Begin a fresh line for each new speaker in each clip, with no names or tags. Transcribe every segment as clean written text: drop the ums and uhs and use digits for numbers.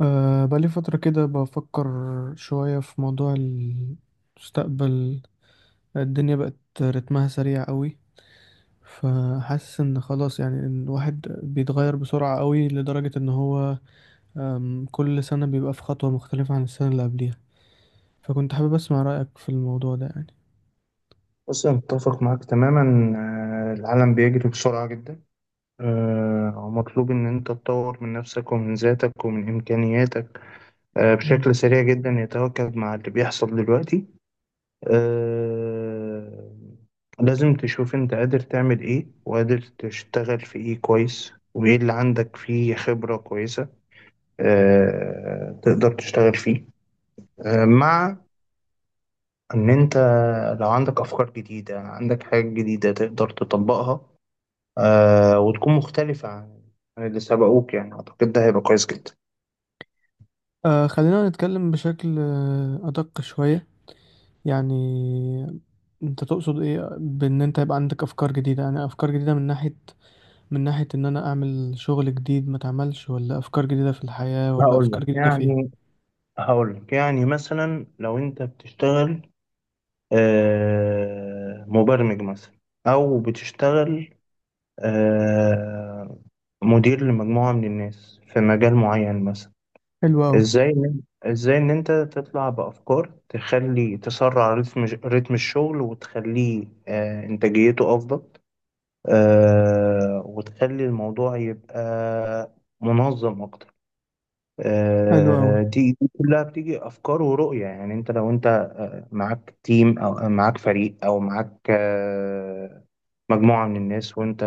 بقالي فترة كده بفكر شوية في موضوع المستقبل. الدنيا بقت رتمها سريع قوي، فحاسس ان خلاص، يعني ان الواحد بيتغير بسرعة قوي لدرجة ان هو كل سنة بيبقى في خطوة مختلفة عن السنة اللي قبليها. فكنت حابب اسمع رأيك في الموضوع ده يعني.
بص، أنا متفق معاك تماما. العالم بيجري بسرعة جدا. ومطلوب إن أنت تطور من نفسك ومن ذاتك ومن إمكانياتك
مم.
بشكل سريع جدا يتواكب مع اللي بيحصل دلوقتي. آه، لازم تشوف أنت قادر تعمل إيه وقادر تشتغل في إيه كويس وإيه اللي عندك فيه خبرة كويسة تقدر تشتغل فيه مع إن أنت لو عندك أفكار جديدة عندك حاجات جديدة تقدر تطبقها، وتكون مختلفة عن اللي سبقوك. يعني أعتقد ده هيبقى كويس جدا.
خلينا نتكلم بشكل أدق شوية. يعني انت تقصد ايه بان انت يبقى عندك افكار جديدة؟ يعني افكار جديدة من ناحية إن أنا أعمل شغل جديد ما اتعملش، ولا أفكار جديدة في الحياة، ولا
هقول لك
أفكار جديدة في إيه؟
يعني هقول لك، يعني مثلا لو أنت بتشتغل مبرمج مثلا، أو بتشتغل آه مدير لمجموعة من الناس في مجال معين مثلا،
حلو أوي.
إزاي إن- إزاي إن أنت تطلع بأفكار تخلي تسرع رتم الشغل، وتخليه إنتاجيته أفضل، وتخلي الموضوع يبقى منظم أكتر.
حلو أوي.
دي كلها بتيجي أفكار ورؤية. يعني لو أنت معاك تيم، أو معاك فريق، أو معاك مجموعة من الناس، وأنت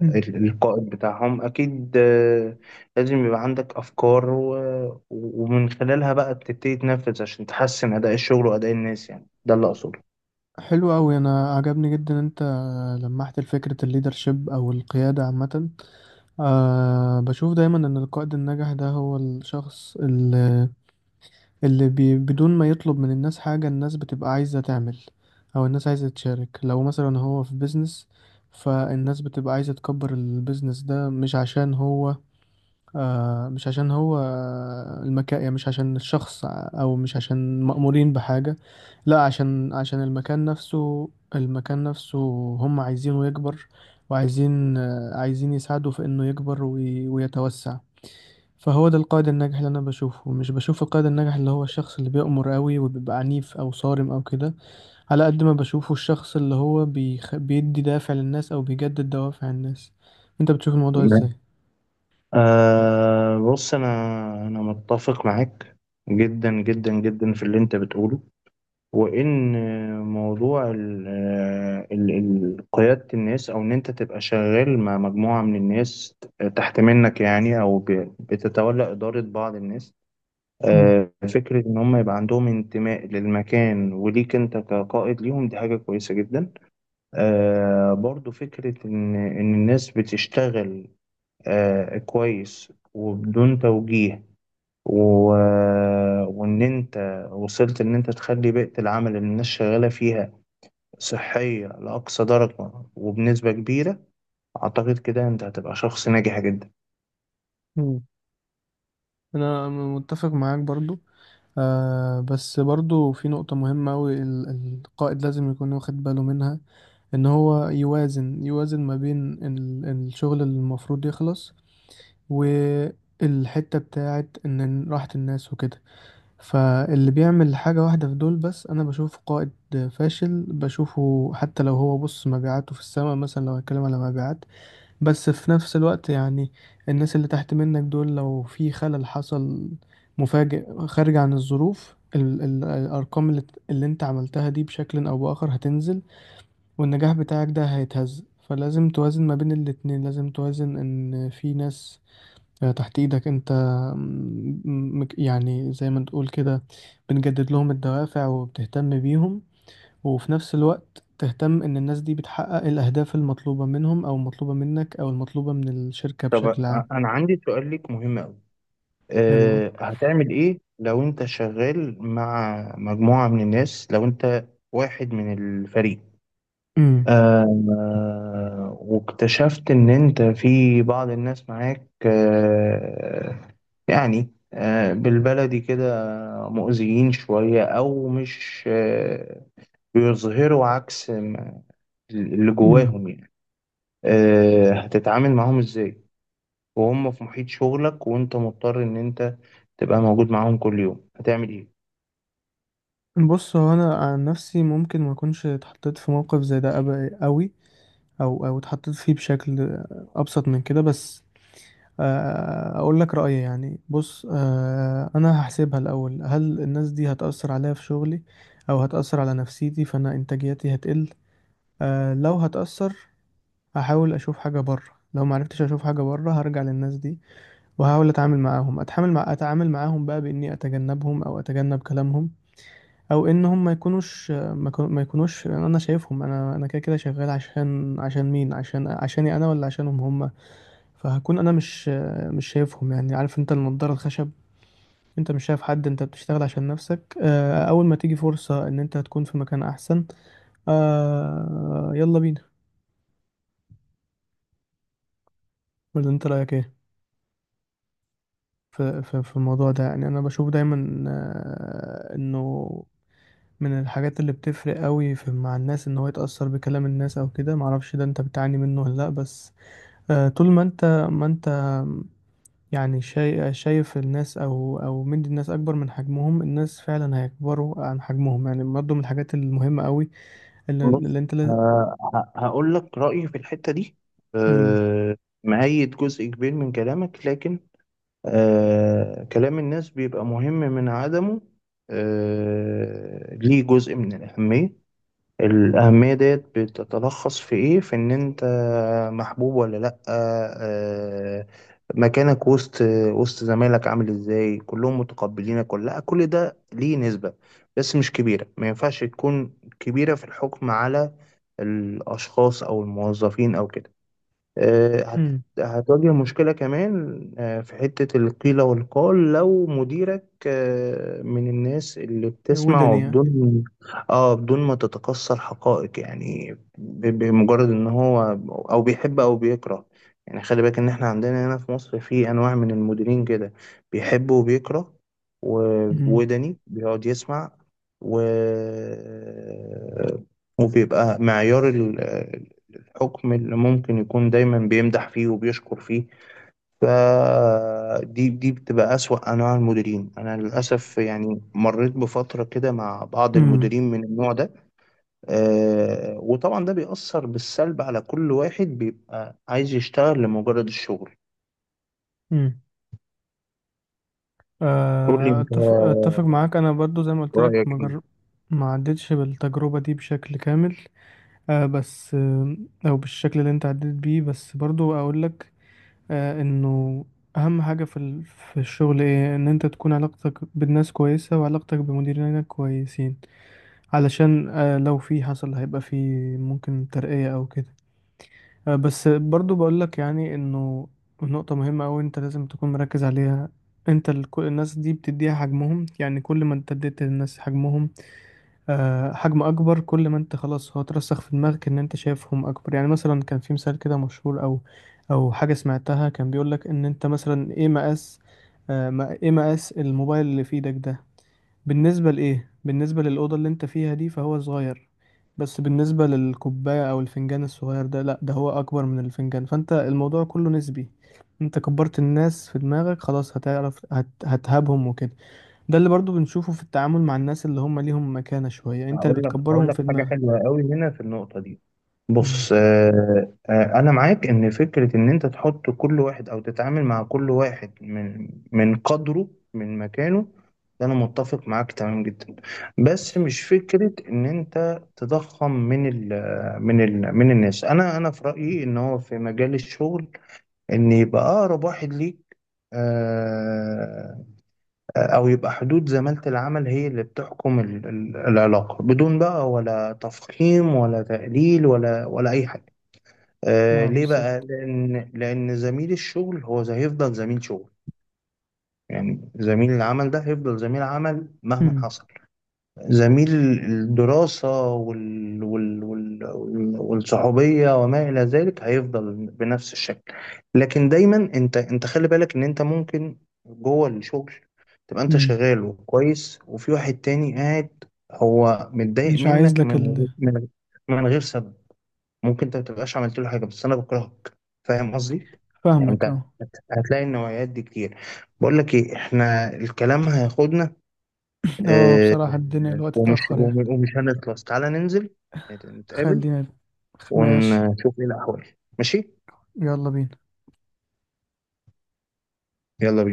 مم.
القائد بتاعهم، أكيد لازم يبقى عندك أفكار، ومن خلالها بقى بتبتدي تنفذ عشان تحسن أداء الشغل وأداء الناس. يعني ده اللي أقصده.
حلو أوي، أنا عجبني جدا أنت لمحت فكرة الليدرشيب أو القيادة عامة. بشوف دايما إن القائد الناجح ده هو الشخص اللي بدون ما يطلب من الناس حاجة، الناس بتبقى عايزة تعمل، أو الناس عايزة تشارك. لو مثلا هو في بيزنس، فالناس بتبقى عايزة تكبر البيزنس ده، مش عشان هو، مش عشان هو المكان، يعني مش عشان الشخص، او مش عشان مأمورين بحاجة، لا عشان المكان نفسه. المكان نفسه هم عايزينه يكبر، وعايزين عايزين يساعدوا في انه يكبر ويتوسع. فهو ده القائد الناجح اللي انا بشوفه، مش بشوف القائد الناجح اللي هو الشخص اللي بيأمر قوي وبيبقى عنيف او صارم او كده. على قد ما بشوفه الشخص اللي هو بيدي دافع للناس او بيجدد دوافع الناس. انت بتشوف الموضوع ازاي؟
أه بص، أنا متفق معاك جدا جدا جدا في اللي أنت بتقوله، وإن موضوع قيادة الناس، أو إن أنت تبقى شغال مع مجموعة من الناس تحت منك، يعني أو بتتولى إدارة بعض الناس، أه فكرة إن هم يبقى عندهم انتماء للمكان وليك أنت كقائد ليهم، دي حاجة كويسة جدا. أه برضو فكرة إن الناس بتشتغل كويس وبدون توجيه، و... آه، وإن وصلت إن أنت تخلي بيئة العمل اللي الناس شغالة فيها صحية لأقصى درجة، وبنسبة كبيرة أعتقد كده أنت هتبقى شخص ناجح جدا.
مم. انا متفق معاك برضو. بس برضو في نقطة مهمة أوي، القائد لازم يكون واخد باله منها، ان هو يوازن ما بين الشغل اللي المفروض يخلص والحتة بتاعت ان راحة الناس وكده. فاللي بيعمل حاجة واحدة في دول بس انا بشوف قائد فاشل بشوفه، حتى لو هو بص مبيعاته في السماء، مثلا لو هتكلم على مبيعات. بس في نفس الوقت، يعني الناس اللي تحت منك دول لو في خلل حصل مفاجئ خارج عن الظروف، ال ال الأرقام اللي انت عملتها دي بشكل أو بآخر هتنزل، والنجاح بتاعك ده هيتهز. فلازم توازن ما بين الاتنين، لازم توازن إن في ناس تحت إيدك انت، يعني زي ما تقول كده بنجدد لهم الدوافع وبتهتم بيهم، وفي نفس الوقت تهتم إن الناس دي بتحقق الأهداف المطلوبة منهم أو المطلوبة منك أو المطلوبة من الشركة
طب،
بشكل عام.
أنا عندي سؤال ليك مهم أوي.
حلوة.
هتعمل إيه لو أنت شغال مع مجموعة من الناس، لو أنت واحد من الفريق،
أمم.
واكتشفت إن أنت في بعض الناس معاك، بالبلدي كده، مؤذيين شوية، أو مش بيظهروا عكس ما- اللي
أمم.
جواهم يعني، هتتعامل معاهم إزاي وهم في محيط شغلك، وأنت مضطر إن أنت تبقى موجود معاهم كل يوم؟ هتعمل إيه؟
بص، هو أنا عن نفسي ممكن ما أكونش اتحطيت في موقف زي ده أوي، أو اتحطيت فيه بشكل أبسط من كده. بس أقول لك رأيي، يعني بص، أنا هحسبها الأول: هل الناس دي هتأثر عليا في شغلي، أو هتأثر على نفسيتي فأنا إنتاجيتي هتقل؟ لو هتأثر هحاول اشوف حاجه بره. لو ما عرفتش اشوف حاجه بره هرجع للناس دي، وهحاول اتعامل معاهم بقى، باني اتجنبهم او اتجنب كلامهم، او ان هم ما يكونوش انا شايفهم. انا كده كده شغال عشان عشان مين؟ عشان عشاني انا، ولا عشانهم هم؟ فهكون انا مش شايفهم. يعني عارف انت النضاره الخشب؟ انت مش شايف حد، انت بتشتغل عشان نفسك. اول ما تيجي فرصه ان انت تكون في مكان احسن، يلا بينا. ولا انت رايك ايه في في الموضوع ده؟ يعني انا بشوف دايما انه من الحاجات اللي بتفرق قوي في مع الناس ان هو يتأثر بكلام الناس او كده. معرفش ده انت بتعاني منه ولا لا، بس طول ما انت ما انت يعني شايف الناس او مدي الناس اكبر من حجمهم، الناس فعلا هيكبروا عن حجمهم. يعني برضه من الحاجات المهمة قوي اللي
بص،
انت لازم
هقول لك رأيي في الحتة دي. آه، مؤيد جزء كبير من كلامك، لكن كلام الناس بيبقى مهم من عدمه ليه جزء من الأهمية. الأهمية ديت بتتلخص في إيه؟ في إن أنت محبوب ولا لأ، مكانك وسط زمايلك عامل إزاي، كلهم متقبلينك ولا لأ، كل ده ليه نسبة، بس مش كبيرة. ما ينفعش تكون كبيرة في الحكم على الأشخاص أو الموظفين أو كده. هتواجه مشكلة كمان في حتة القيل والقال، لو مديرك من الناس اللي بتسمع،
ودني يعني.
وبدون اه بدون ما تتقصى الحقائق، يعني بمجرد ان هو او بيحب او بيكره. يعني خلي بالك ان احنا عندنا هنا في مصر في انواع من المديرين كده، بيحب وبيكره،
مم.
ووداني بيقعد يسمع، و وبيبقى معيار حكم اللي ممكن يكون دايما بيمدح فيه وبيشكر فيه. فدي بتبقى أسوأ أنواع المديرين. أنا للأسف يعني مريت بفترة كده مع بعض
مم.
المديرين من النوع ده، وطبعا ده بيأثر بالسلب على كل واحد بيبقى عايز يشتغل لمجرد الشغل.
مم.
قول لي أنت
أتفق معاك. أنا برضو زي ما قلت لك،
رأيك إيه.
ما عدتش بالتجربة دي بشكل كامل، بس أو بالشكل اللي أنت عديت بيه. بس برضو أقول لك إنه أهم حاجة في في الشغل إيه، إن أنت تكون علاقتك بالناس كويسة وعلاقتك بمديرينك كويسين، علشان لو في حصل هيبقى في ممكن ترقية أو كده. بس برضو بقول لك، يعني انه نقطة مهمة أوي انت لازم تكون مركز عليها. انت كل الناس دي بتديها حجمهم، يعني كل ما انت اديت للناس حجمهم حجم اكبر، كل ما انت خلاص هو ترسخ في دماغك ان انت شايفهم اكبر. يعني مثلا كان في مثال كده مشهور او حاجة سمعتها، كان بيقول لك ان انت مثلا ايه مقاس ايه مقاس الموبايل اللي في ايدك ده بالنسبة لإيه؟ بالنسبة للأوضة اللي أنت فيها دي فهو صغير، بس بالنسبة للكوباية أو الفنجان الصغير ده لأ، ده هو أكبر من الفنجان. فأنت الموضوع كله نسبي، أنت كبرت الناس في دماغك خلاص هتعرف هتهابهم وكده. ده اللي برضو بنشوفه في التعامل مع الناس اللي هم ليهم مكانة شوية، أنت اللي
هقول
بتكبرهم
لك
في
حاجة
دماغك.
حلوة قوي هنا في النقطة دي.
مم.
بص، أنا معاك إن فكرة إن أنت تحط كل واحد، أو تتعامل مع كل واحد من قدره، من مكانه، ده أنا متفق معاك تمام جدا. بس مش فكرة إن أنت تضخم من ال من ال من الناس. أنا في رأيي إن هو في مجال الشغل إن يبقى أقرب واحد ليك، آه، أو يبقى حدود زمالة العمل هي اللي بتحكم العلاقة، بدون بقى ولا تفخيم ولا تقليل ولا أي حاجة.
اه،
ليه بقى؟
بالظبط.
لأن زميل الشغل هو هيفضل زميل شغل. يعني زميل العمل ده هيفضل زميل عمل مهما
مم.
حصل. زميل الدراسة والصحوبية وما إلى ذلك هيفضل بنفس الشكل. لكن دايما أنت خلي بالك إن أنت ممكن جوه الشغل تبقى أنت
مم.
شغال وكويس، وفي واحد تاني قاعد هو متضايق
مش عايز
منك
لك ال...
من غير سبب. ممكن أنت ما تبقاش عملت له حاجة، بس أنا بكرهك. فاهم قصدي؟ يعني أنت
فاهمك اه.
هتلاقي النوعيات دي كتير. بقول لك إيه، إحنا الكلام هياخدنا،
اه،
آه،
بصراحة الدنيا الوقت اتأخر يعني.
ومش هنخلص. تعالى ننزل، نتقابل
خلينا. ماشي.
ونشوف ايه الأحوال. ماشي؟
يلا بينا.
يلا بينا.